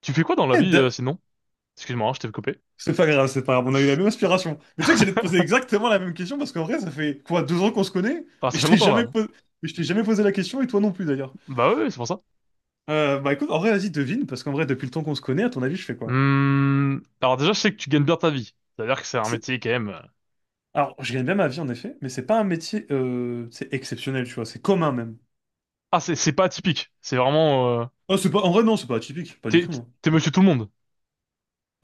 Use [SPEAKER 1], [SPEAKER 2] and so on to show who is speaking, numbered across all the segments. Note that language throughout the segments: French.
[SPEAKER 1] Tu fais quoi dans la
[SPEAKER 2] Eh,
[SPEAKER 1] vie
[SPEAKER 2] da-
[SPEAKER 1] sinon? Excuse-moi, hein, je t'ai coupé.
[SPEAKER 2] C'est pas grave, on a eu la même inspiration. Mais tu sais que j'allais te poser exactement la même question parce qu'en vrai, ça fait quoi, 2 ans qu'on se connaît
[SPEAKER 1] Ah,
[SPEAKER 2] et
[SPEAKER 1] ça
[SPEAKER 2] je
[SPEAKER 1] fait
[SPEAKER 2] t'ai
[SPEAKER 1] longtemps
[SPEAKER 2] jamais
[SPEAKER 1] là.
[SPEAKER 2] posé, et je t'ai jamais posé la question et toi non plus d'ailleurs.
[SPEAKER 1] Bah oui, c'est pour ça.
[SPEAKER 2] Bah écoute, en vrai, vas-y, devine parce qu'en vrai, depuis le temps qu'on se connaît, à ton avis, je fais quoi?
[SPEAKER 1] Alors déjà, je sais que tu gagnes bien ta vie. C'est-à-dire que c'est un
[SPEAKER 2] C'est-
[SPEAKER 1] métier quand même.
[SPEAKER 2] Alors, je gagne bien ma vie en effet, mais c'est pas un métier, c'est exceptionnel, tu vois, c'est commun même.
[SPEAKER 1] Ah, c'est pas atypique. C'est vraiment.
[SPEAKER 2] Oh, c'est pas, en vrai, non, c'est pas atypique, pas du
[SPEAKER 1] T'es
[SPEAKER 2] tout, non.
[SPEAKER 1] t'es monsieur tout le monde.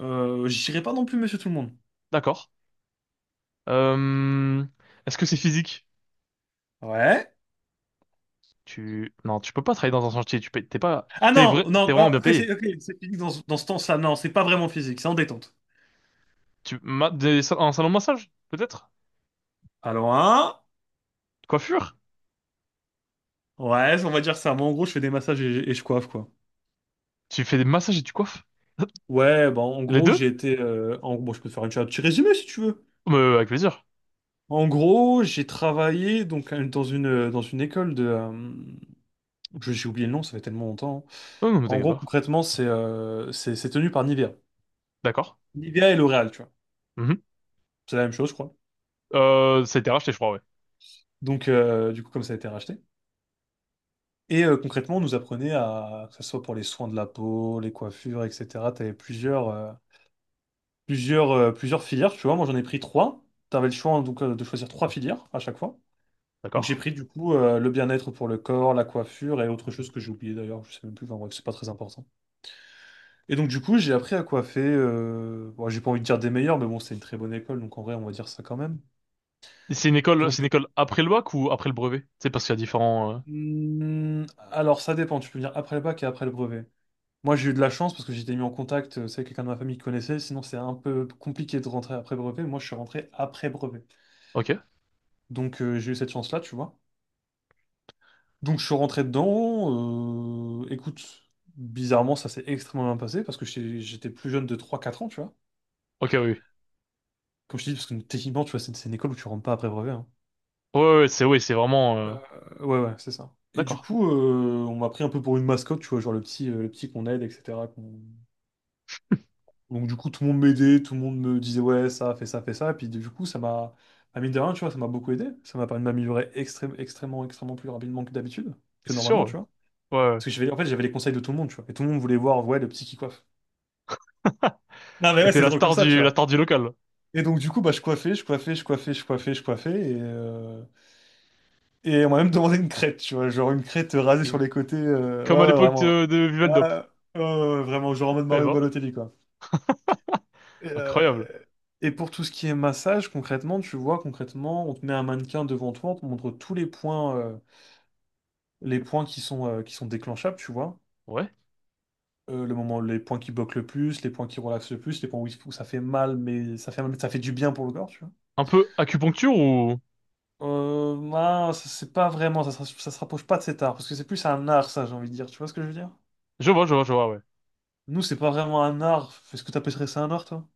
[SPEAKER 2] J'irai pas non plus, monsieur tout le monde.
[SPEAKER 1] D'accord. Hum, est-ce que c'est physique?
[SPEAKER 2] Ouais.
[SPEAKER 1] Tu non, tu peux pas travailler dans un chantier. Tu payes- t'es pas
[SPEAKER 2] Ah
[SPEAKER 1] t'es
[SPEAKER 2] non,
[SPEAKER 1] vrai t'es
[SPEAKER 2] non, oh,
[SPEAKER 1] vraiment bien payé.
[SPEAKER 2] ok, c'est physique dans ce temps-là, non, c'est pas vraiment physique, c'est en détente.
[SPEAKER 1] Tu ma- des sa- Un salon de massage peut-être?
[SPEAKER 2] Allons, hein?
[SPEAKER 1] Coiffure?
[SPEAKER 2] Ouais, on va dire ça. Moi, en gros, je fais des massages et je coiffe, quoi.
[SPEAKER 1] Tu fais des massages et tu coiffes?
[SPEAKER 2] Ouais, bah, en
[SPEAKER 1] Les
[SPEAKER 2] gros,
[SPEAKER 1] deux?
[SPEAKER 2] bon, je peux te faire un petit résumé si tu veux.
[SPEAKER 1] Avec plaisir.
[SPEAKER 2] En gros, j'ai travaillé donc, dans une école de. J'ai oublié le nom, ça fait tellement longtemps, hein.
[SPEAKER 1] Oh, non, mais
[SPEAKER 2] En
[SPEAKER 1] t'inquiète
[SPEAKER 2] gros,
[SPEAKER 1] pas.
[SPEAKER 2] concrètement, c'est tenu par Nivea.
[SPEAKER 1] D'accord.
[SPEAKER 2] Nivea et L'Oréal, tu vois.
[SPEAKER 1] Mhm.
[SPEAKER 2] C'est la même chose, je crois.
[SPEAKER 1] Ça a été racheté, je crois, ouais.
[SPEAKER 2] Donc, du coup, comme ça a été racheté. Et concrètement, on nous apprenait à, que ce soit pour les soins de la peau, les coiffures, etc. Tu avais plusieurs filières, tu vois. Moi, j'en ai pris trois. Tu avais le choix donc, de choisir trois filières à chaque fois. Donc, j'ai
[SPEAKER 1] D'accord.
[SPEAKER 2] pris du coup, le bien-être pour le corps, la coiffure et autre chose que j'ai oublié d'ailleurs, je sais même plus, enfin bref, c'est pas très important. Et donc, du coup, j'ai appris à coiffer. Bon, j'ai pas envie de dire des meilleurs, mais bon, c'est une très bonne école, donc en vrai, on va dire ça quand même.
[SPEAKER 1] C'est
[SPEAKER 2] Donc,
[SPEAKER 1] une école après le bac ou après le brevet? C'est parce qu'il y a différents.
[SPEAKER 2] hmm, alors ça dépend, tu peux venir après le bac et après le brevet. Moi, j'ai eu de la chance parce que j'étais mis en contact, c'est avec quelqu'un de ma famille qui connaissait, sinon c'est un peu compliqué de rentrer après brevet. Moi, je suis rentré après brevet.
[SPEAKER 1] Ok.
[SPEAKER 2] Donc, j'ai eu cette chance-là, tu vois. Donc je suis rentré dedans. Écoute, bizarrement, ça s'est extrêmement bien passé parce que j'étais plus jeune de 3 4 ans, tu vois.
[SPEAKER 1] Ok, oui, oui.
[SPEAKER 2] Comme je te dis, parce que techniquement, tu vois, c'est une école où tu rentres pas après brevet, hein.
[SPEAKER 1] Ouais, ouais, ouais, c'est vraiment.
[SPEAKER 2] Euh, ouais, ouais, c'est ça. Et du
[SPEAKER 1] D'accord.
[SPEAKER 2] coup, on m'a pris un peu pour une mascotte, tu vois, genre le petit qu'on aide, etc. qu'on- Donc du coup, tout le monde m'aidait, tout le monde me disait, ouais, ça, fais ça, fais ça. Et puis du coup, à mine de rien, tu vois, ça m'a beaucoup aidé. Ça m'a permis de m'améliorer extrêmement plus rapidement que d'habitude, que
[SPEAKER 1] C'est sûr,
[SPEAKER 2] normalement, tu
[SPEAKER 1] ouais.
[SPEAKER 2] vois.
[SPEAKER 1] Ouais, ouais.
[SPEAKER 2] Parce que j'avais, en fait, j'avais les conseils de tout le monde, tu vois. Et tout le monde voulait voir, ouais, le petit qui coiffe. Non, mais ouais,
[SPEAKER 1] T'étais
[SPEAKER 2] c'est drôle comme ça, tu
[SPEAKER 1] la
[SPEAKER 2] vois.
[SPEAKER 1] star du local.
[SPEAKER 2] Et donc, du coup, bah, je coiffais, je coiffais, je coiffais, je coiffais, je coiffais. Et on m'a même demandé une crête, tu vois. Genre une crête rasée sur
[SPEAKER 1] Une-
[SPEAKER 2] les côtés. Ouais,
[SPEAKER 1] Comme à
[SPEAKER 2] ouais,
[SPEAKER 1] l'époque
[SPEAKER 2] vraiment.
[SPEAKER 1] de
[SPEAKER 2] Ouais,
[SPEAKER 1] Viveldop.
[SPEAKER 2] ouais, ouais, vraiment, genre en mode
[SPEAKER 1] Eh
[SPEAKER 2] Mario
[SPEAKER 1] ben,
[SPEAKER 2] Balotelli, quoi. Et, euh,
[SPEAKER 1] incroyable.
[SPEAKER 2] et pour tout ce qui est massage, concrètement, tu vois, concrètement, on te met un mannequin devant toi, on te montre tous les points, les points qui sont déclenchables, tu vois.
[SPEAKER 1] Ouais.
[SPEAKER 2] Le moment, les points qui bloquent le plus, les points qui relaxent le plus, les points où ça fait mal, mais ça fait du bien pour le corps, tu vois.
[SPEAKER 1] Un peu acupuncture ou?
[SPEAKER 2] Non, c'est pas vraiment, ça, ça se rapproche pas de cet art, parce que c'est plus un art, ça, j'ai envie de dire. Tu vois ce que je veux dire?
[SPEAKER 1] Je vois, je vois, je vois, ouais.
[SPEAKER 2] Nous, c'est pas vraiment un art. Est-ce que t'appellerais ça un art, toi?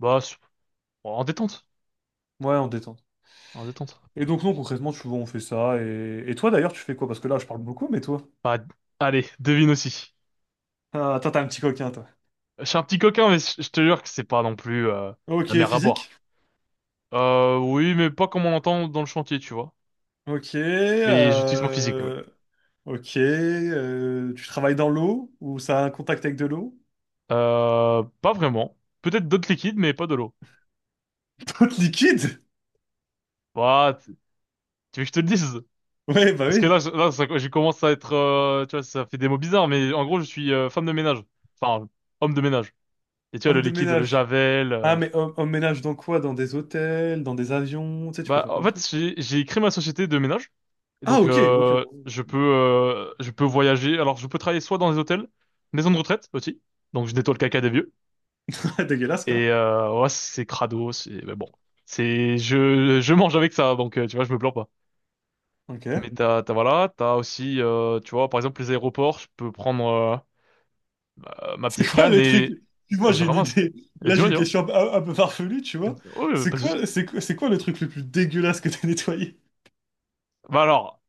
[SPEAKER 1] Bah, c'est- bon, en détente,
[SPEAKER 2] Ouais, on détend.
[SPEAKER 1] en détente.
[SPEAKER 2] Et donc, non, concrètement, tu vois, on fait ça. Et toi, d'ailleurs, tu fais quoi? Parce que là, je parle beaucoup, mais toi?
[SPEAKER 1] Bah, allez, devine aussi.
[SPEAKER 2] Ah, toi, t'es un petit coquin, toi.
[SPEAKER 1] Je suis un petit coquin, mais je te jure que c'est pas non plus,
[SPEAKER 2] Ok,
[SPEAKER 1] la mer à boire.
[SPEAKER 2] physique?
[SPEAKER 1] Oui, mais pas comme on l'entend dans le chantier, tu vois.
[SPEAKER 2] Ok,
[SPEAKER 1] Mais j'utilise mon physique, oui.
[SPEAKER 2] euh... Ok, tu travailles dans l'eau? Ou ça a un contact avec de l'eau?
[SPEAKER 1] Pas vraiment. Peut-être d'autres liquides, mais pas de l'eau.
[SPEAKER 2] toute liquide?
[SPEAKER 1] Bah, tu veux que je te le dise?
[SPEAKER 2] Ouais, bah
[SPEAKER 1] Parce que
[SPEAKER 2] oui,
[SPEAKER 1] là, je commence à être, tu vois, ça fait des mots bizarres, mais en gros, je suis femme de ménage. Enfin, homme de ménage. Et tu vois, le
[SPEAKER 2] homme de
[SPEAKER 1] liquide, le
[SPEAKER 2] ménage.
[SPEAKER 1] Javel.
[SPEAKER 2] Ah,
[SPEAKER 1] euh,
[SPEAKER 2] mais emménage dans quoi? Dans des hôtels, dans des avions, tu sais, tu peux
[SPEAKER 1] Bah,
[SPEAKER 2] faire
[SPEAKER 1] en
[SPEAKER 2] plein de
[SPEAKER 1] fait,
[SPEAKER 2] trucs.
[SPEAKER 1] j'ai créé ma société de ménage. Et
[SPEAKER 2] Ah,
[SPEAKER 1] donc,
[SPEAKER 2] ok, ok.
[SPEAKER 1] je peux voyager. Alors, je peux travailler soit dans des hôtels, maisons de retraite aussi. Donc, je nettoie le caca des vieux.
[SPEAKER 2] Dégueulasse, quoi.
[SPEAKER 1] Et ouais, c'est crado, c'est mais bon, c'est je mange avec ça, donc tu vois, je me plains pas.
[SPEAKER 2] Ok.
[SPEAKER 1] Mais t'as voilà, t'as aussi tu vois, par exemple les aéroports, je peux prendre ma
[SPEAKER 2] C'est
[SPEAKER 1] petite
[SPEAKER 2] quoi
[SPEAKER 1] canne
[SPEAKER 2] le truc?
[SPEAKER 1] et
[SPEAKER 2] Excuse-moi,
[SPEAKER 1] je
[SPEAKER 2] j'ai une
[SPEAKER 1] ramasse.
[SPEAKER 2] idée.
[SPEAKER 1] Et
[SPEAKER 2] Là, j'ai une
[SPEAKER 1] tu vois.
[SPEAKER 2] question un peu farfelue, tu vois.
[SPEAKER 1] Ouais,
[SPEAKER 2] C'est
[SPEAKER 1] pas de souci.
[SPEAKER 2] quoi, c'est, quoi- c'est quoi le truc le plus dégueulasse que t'as nettoyé?
[SPEAKER 1] Bah alors,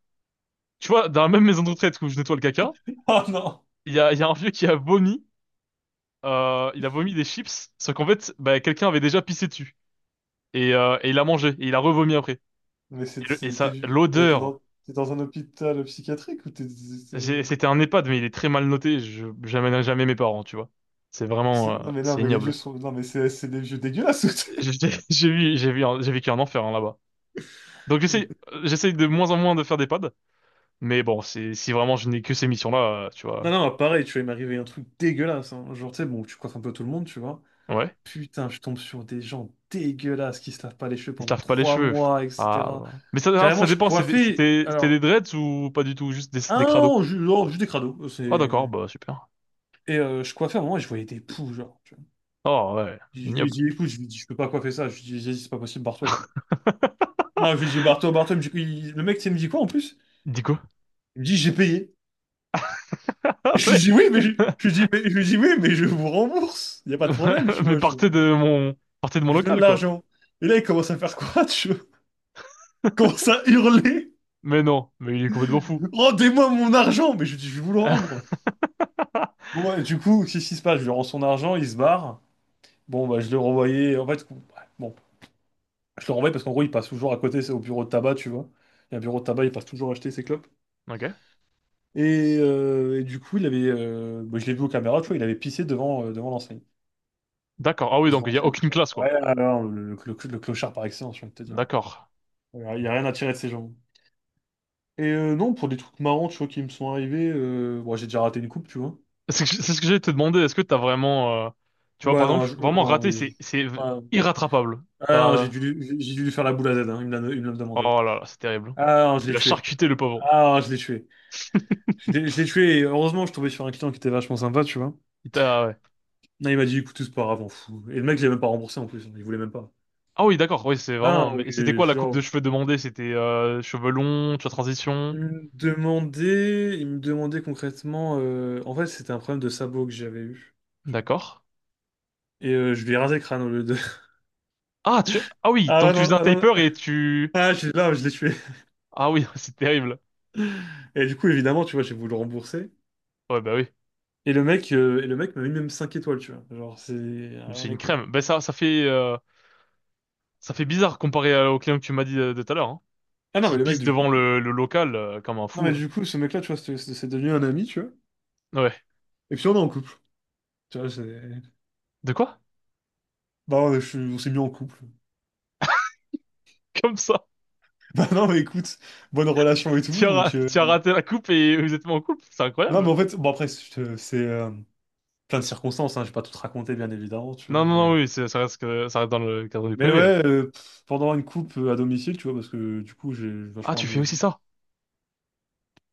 [SPEAKER 1] tu vois, dans la même maison de retraite où je nettoie le caca,
[SPEAKER 2] Ah non!
[SPEAKER 1] il y a un vieux qui a vomi, il a vomi des chips, sauf qu'en fait, bah quelqu'un avait déjà pissé dessus et il a mangé et il a revomi après.
[SPEAKER 2] Mais
[SPEAKER 1] Et, le- et ça,
[SPEAKER 2] mais t'es
[SPEAKER 1] l'odeur
[SPEAKER 2] dans, t'es dans un hôpital psychiatrique ou t'es...
[SPEAKER 1] C'était un EHPAD, mais il est très mal noté. Je J'amènerai jamais mes parents, tu vois. C'est vraiment,
[SPEAKER 2] Non, mais là,
[SPEAKER 1] c'est
[SPEAKER 2] mais les vieux
[SPEAKER 1] ignoble.
[SPEAKER 2] sont... Non, mais c'est des vieux dégueulasses.
[SPEAKER 1] J'ai j'ai vu, j'ai vécu un enfer hein, là-bas. Donc j'essaye de moins en moins de faire des pads, mais bon, c'est si vraiment je n'ai que ces missions-là, tu
[SPEAKER 2] Non,
[SPEAKER 1] vois.
[SPEAKER 2] non, pareil, tu vois, il m'est arrivé un truc dégueulasse, hein. Genre, tu sais, bon, tu coiffes un peu tout le monde, tu vois.
[SPEAKER 1] Ouais,
[SPEAKER 2] Putain, je tombe sur des gens dégueulasses qui se lavent pas les cheveux
[SPEAKER 1] ils se
[SPEAKER 2] pendant
[SPEAKER 1] lavent pas les
[SPEAKER 2] trois
[SPEAKER 1] cheveux.
[SPEAKER 2] mois,
[SPEAKER 1] Ah,
[SPEAKER 2] etc.
[SPEAKER 1] voilà, mais ça, alors,
[SPEAKER 2] Carrément,
[SPEAKER 1] ça
[SPEAKER 2] je
[SPEAKER 1] dépend.
[SPEAKER 2] coiffais.
[SPEAKER 1] C'était, c'était des
[SPEAKER 2] Alors,
[SPEAKER 1] dreads ou pas du tout, juste des crados.
[SPEAKER 2] un oh, juste des crados.
[SPEAKER 1] Ah d'accord, bah
[SPEAKER 2] C'est...
[SPEAKER 1] super.
[SPEAKER 2] Et je coiffais à un moment et je voyais des poux, genre, tu vois.
[SPEAKER 1] Oh ouais,
[SPEAKER 2] Je lui ai
[SPEAKER 1] ignoble.
[SPEAKER 2] dit, écoute, je lui ai dit, je peux pas coiffer ça. Je lui ai dit, c'est pas possible, barre-toi, tu vois. Ah, je lui ai dit, barre-toi, barre-toi. Il me dit- il- Le mec, tu sais, il me dit quoi en plus?
[SPEAKER 1] Dis quoi?
[SPEAKER 2] Il me dit, j'ai payé. Et
[SPEAKER 1] Ah,
[SPEAKER 2] je lui ai
[SPEAKER 1] ouais.
[SPEAKER 2] dit, oui, mais je lui ai dit, mais, je lui ai dit, oui, mais je vous rembourse. Il n'y a pas de problème, tu
[SPEAKER 1] Mais
[SPEAKER 2] vois.
[SPEAKER 1] partez de mon
[SPEAKER 2] Je vous donne
[SPEAKER 1] local, quoi.
[SPEAKER 2] l'argent. Et là, il commence à faire quoi, tu vois? Il commence à hurler.
[SPEAKER 1] Mais non, mais il est complètement fou.
[SPEAKER 2] Rendez-moi mon argent! Mais je lui dis, je vais vous le rendre. Bon, ouais, du coup, qu'est-ce qui se passe? Je lui rends son argent, il se barre. Bon, bah, je le renvoyais. En fait, bon, je le renvoyais parce qu'en gros, il passe toujours à côté, c'est au bureau de tabac, tu vois. Il y a un bureau de tabac, il passe toujours acheter ses clopes.
[SPEAKER 1] Ok.
[SPEAKER 2] Et du coup, il avait, bah, je l'ai vu aux caméras, tu vois, il avait pissé devant l'enseigne.
[SPEAKER 1] D'accord. Ah oui,
[SPEAKER 2] Pour se
[SPEAKER 1] donc il n'y a
[SPEAKER 2] venger, tu
[SPEAKER 1] aucune
[SPEAKER 2] vois.
[SPEAKER 1] classe, quoi.
[SPEAKER 2] Ouais, alors, le clochard par excellence, je viens de te dire.
[SPEAKER 1] D'accord.
[SPEAKER 2] Alors, il n'y a rien à tirer de ces gens. Et non, pour des trucs marrants, tu vois, qui me sont arrivés, bon, j'ai déjà raté une coupe, tu vois.
[SPEAKER 1] C'est ce que j'allais te demander. Est-ce que t'as vraiment, tu vois,
[SPEAKER 2] Ouais,
[SPEAKER 1] par
[SPEAKER 2] non,
[SPEAKER 1] exemple, vraiment
[SPEAKER 2] non,
[SPEAKER 1] raté, c'est
[SPEAKER 2] ouais.
[SPEAKER 1] irrattrapable.
[SPEAKER 2] Ah ouais, non, j'ai
[SPEAKER 1] T'as,
[SPEAKER 2] dû, lui- j'ai dû lui faire la boule à Z, hein, il me l'a demandé.
[SPEAKER 1] oh là là, c'est terrible.
[SPEAKER 2] Ah non, je
[SPEAKER 1] Tu
[SPEAKER 2] l'ai
[SPEAKER 1] l'as
[SPEAKER 2] tué.
[SPEAKER 1] charcuté, le pauvre.
[SPEAKER 2] Ah non, je l'ai tué. Je l'ai tué et heureusement, je tombais sur un client qui était vachement sympa, tu vois.
[SPEAKER 1] Ah ouais.
[SPEAKER 2] Non, il m'a dit, écoute, c'est pas grave, on fout. Et le mec, il avait même pas remboursé en plus, il voulait même pas.
[SPEAKER 1] Ah oui, d'accord. Oui, c'est
[SPEAKER 2] Ah
[SPEAKER 1] vraiment.
[SPEAKER 2] non,
[SPEAKER 1] Mais c'était
[SPEAKER 2] et
[SPEAKER 1] quoi la coupe
[SPEAKER 2] genre,
[SPEAKER 1] de cheveux demandée? C'était cheveux longs, tu as transition.
[SPEAKER 2] il me demandait concrètement. En fait, c'était un problème de sabot que j'avais eu.
[SPEAKER 1] D'accord.
[SPEAKER 2] Et je lui ai rasé le crâne au lieu de.
[SPEAKER 1] Ah oui,
[SPEAKER 2] Ah
[SPEAKER 1] donc
[SPEAKER 2] ouais,
[SPEAKER 1] tu
[SPEAKER 2] non,
[SPEAKER 1] faisais un
[SPEAKER 2] ah, non,
[SPEAKER 1] taper et
[SPEAKER 2] là, je l'ai tué.
[SPEAKER 1] ah oui, c'est terrible.
[SPEAKER 2] Et du coup, évidemment, tu vois, j'ai voulu le rembourser.
[SPEAKER 1] Ouais, bah oui.
[SPEAKER 2] Et le mec m'a mis même 5 étoiles, tu vois. Genre, c'est
[SPEAKER 1] Mais c'est
[SPEAKER 2] rien à
[SPEAKER 1] une
[SPEAKER 2] con.
[SPEAKER 1] crème. Ben ça, ça fait bizarre comparé au client que tu m'as dit de tout à l'heure, hein,
[SPEAKER 2] Ah non, mais
[SPEAKER 1] qui
[SPEAKER 2] le mec,
[SPEAKER 1] pisse
[SPEAKER 2] du coup.
[SPEAKER 1] devant le local comme un
[SPEAKER 2] Non,
[SPEAKER 1] fou,
[SPEAKER 2] mais
[SPEAKER 1] hein.
[SPEAKER 2] du coup, ce mec-là, tu vois, c'est devenu un ami, tu vois.
[SPEAKER 1] Ouais.
[SPEAKER 2] Et puis on est en couple. Tu vois, c'est.
[SPEAKER 1] De quoi?
[SPEAKER 2] Bah, on s'est mis en couple.
[SPEAKER 1] Comme ça.
[SPEAKER 2] Bah non, mais écoute, bonne relation et tout. Donc.
[SPEAKER 1] Tu as raté la coupe et vous êtes pas en couple, c'est
[SPEAKER 2] Non,
[SPEAKER 1] incroyable.
[SPEAKER 2] mais en fait, bon, après, c'est plein de circonstances, hein, je vais pas tout te raconter, bien évidemment, tu vois.
[SPEAKER 1] Non, non, non,
[SPEAKER 2] Mais,
[SPEAKER 1] oui, ça reste dans le cadre du
[SPEAKER 2] mais
[SPEAKER 1] privé, oui.
[SPEAKER 2] ouais, pendant une coupe, à domicile, tu vois, parce que du coup, j'ai
[SPEAKER 1] Ah,
[SPEAKER 2] vachement
[SPEAKER 1] tu
[SPEAKER 2] ami
[SPEAKER 1] fais
[SPEAKER 2] avec
[SPEAKER 1] aussi
[SPEAKER 2] lui.
[SPEAKER 1] ça?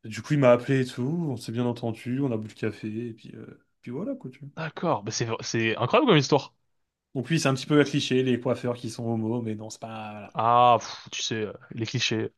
[SPEAKER 2] Et du coup, il m'a appelé et tout, on s'est bien entendu, on a bu le café, et puis voilà, quoi, tu vois.
[SPEAKER 1] D'accord. Bah, c'est incroyable comme histoire.
[SPEAKER 2] Donc oui, c'est un petit peu un cliché, les coiffeurs qui sont homo, mais non, c'est pas, voilà.
[SPEAKER 1] Ah, pff, tu sais, les clichés.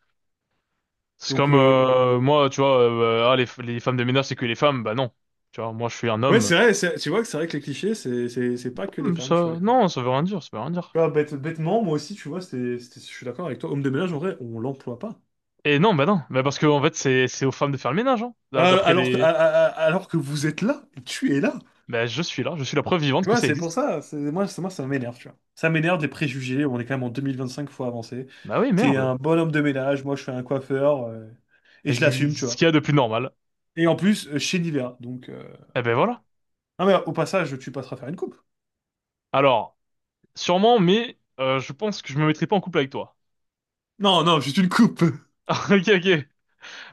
[SPEAKER 1] C'est
[SPEAKER 2] Donc.
[SPEAKER 1] comme
[SPEAKER 2] euh,
[SPEAKER 1] moi, tu vois, ah, les femmes de ménage, c'est que les femmes. Bah non. Tu vois, moi, je suis un
[SPEAKER 2] Ouais,
[SPEAKER 1] homme.
[SPEAKER 2] c'est vrai, tu vois que c'est vrai que les clichés, c'est pas que les femmes, tu vois.
[SPEAKER 1] Ça,
[SPEAKER 2] Les femmes.
[SPEAKER 1] non, ça veut rien dire, ça veut rien dire.
[SPEAKER 2] Tu vois, bêtement, moi aussi, tu vois, je suis d'accord avec toi. Homme de ménage, en vrai, on l'emploie pas.
[SPEAKER 1] Et non, bah non, bah parce que en fait c'est aux femmes de faire le ménage, hein. D'après
[SPEAKER 2] Alors que, a-
[SPEAKER 1] les,
[SPEAKER 2] a- a- alors que vous êtes là, tu es là.
[SPEAKER 1] bah je suis là, je suis la preuve vivante
[SPEAKER 2] Tu
[SPEAKER 1] que
[SPEAKER 2] vois,
[SPEAKER 1] ça
[SPEAKER 2] c'est pour
[SPEAKER 1] existe.
[SPEAKER 2] ça, moi, ça m'énerve, tu vois. Ça m'énerve des préjugés, on est quand même en 2025, faut avancer.
[SPEAKER 1] Bah oui,
[SPEAKER 2] T'es
[SPEAKER 1] merde.
[SPEAKER 2] un bon homme de ménage, moi je suis un coiffeur, et je l'assume, tu
[SPEAKER 1] Ce
[SPEAKER 2] vois.
[SPEAKER 1] qu'il y a de plus normal.
[SPEAKER 2] Et en plus, chez Nivea, donc...
[SPEAKER 1] Eh ben voilà.
[SPEAKER 2] Ah mais au passage, tu passeras faire une coupe.
[SPEAKER 1] Alors, sûrement, mais je pense que je me mettrai pas en couple avec toi.
[SPEAKER 2] Non, non, juste une coupe.
[SPEAKER 1] Ah, ok, ok.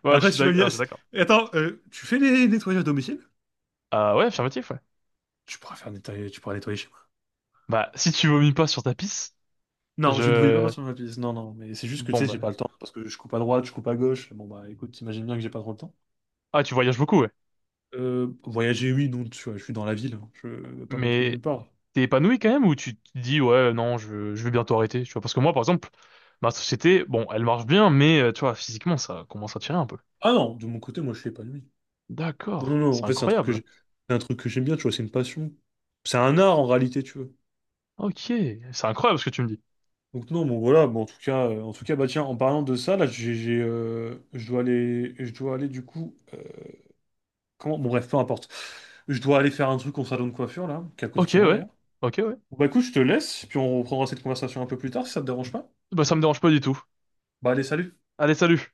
[SPEAKER 2] Après, tu vas bien...
[SPEAKER 1] Alors, je suis d'accord.
[SPEAKER 2] Attends, tu fais les nettoyages à domicile?
[SPEAKER 1] Ah ouais, affirmatif, ouais.
[SPEAKER 2] Tu pourras nettoyer chez moi.
[SPEAKER 1] Bah si tu vomis pas sur ta pisse,
[SPEAKER 2] Non, je ne voulais pas
[SPEAKER 1] je,
[SPEAKER 2] passer sur ma pièce. Non, non, mais c'est juste que tu
[SPEAKER 1] bon
[SPEAKER 2] sais, j'ai
[SPEAKER 1] bah,
[SPEAKER 2] pas le temps. Parce que je coupe à droite, je coupe à gauche. Bon, bah écoute, t'imagines bien que j'ai pas trop le temps.
[SPEAKER 1] ah tu voyages beaucoup, ouais.
[SPEAKER 2] Voyager, oui, non, tu vois, je suis dans la ville, hein. Je vais pas non plus
[SPEAKER 1] Mais
[SPEAKER 2] nulle part.
[SPEAKER 1] t'es épanoui quand même ou tu te dis ouais non je vais bientôt arrêter tu vois parce que moi par exemple ma société bon elle marche bien mais tu vois physiquement ça commence à tirer un peu
[SPEAKER 2] Ah non, de mon côté, moi, je fais pas de nuit. Non, non,
[SPEAKER 1] d'accord
[SPEAKER 2] non,
[SPEAKER 1] c'est
[SPEAKER 2] en fait,
[SPEAKER 1] incroyable
[SPEAKER 2] c'est un truc que j'aime bien, tu vois, c'est une passion. C'est un art en réalité, tu vois.
[SPEAKER 1] ok c'est incroyable ce que tu me dis
[SPEAKER 2] Donc non, bon voilà, bon, en tout cas, bah tiens, en parlant de ça, là, je dois aller du coup, comment, bon bref, peu importe, je dois aller faire un truc au salon de coiffure là, qui est à côté de
[SPEAKER 1] ok
[SPEAKER 2] chez moi
[SPEAKER 1] ouais
[SPEAKER 2] d'ailleurs.
[SPEAKER 1] ok ouais
[SPEAKER 2] Bon, bah écoute, je te laisse, puis on reprendra cette conversation un peu plus tard si ça te dérange pas.
[SPEAKER 1] bah ça me dérange pas du tout
[SPEAKER 2] Bah allez, salut!
[SPEAKER 1] allez salut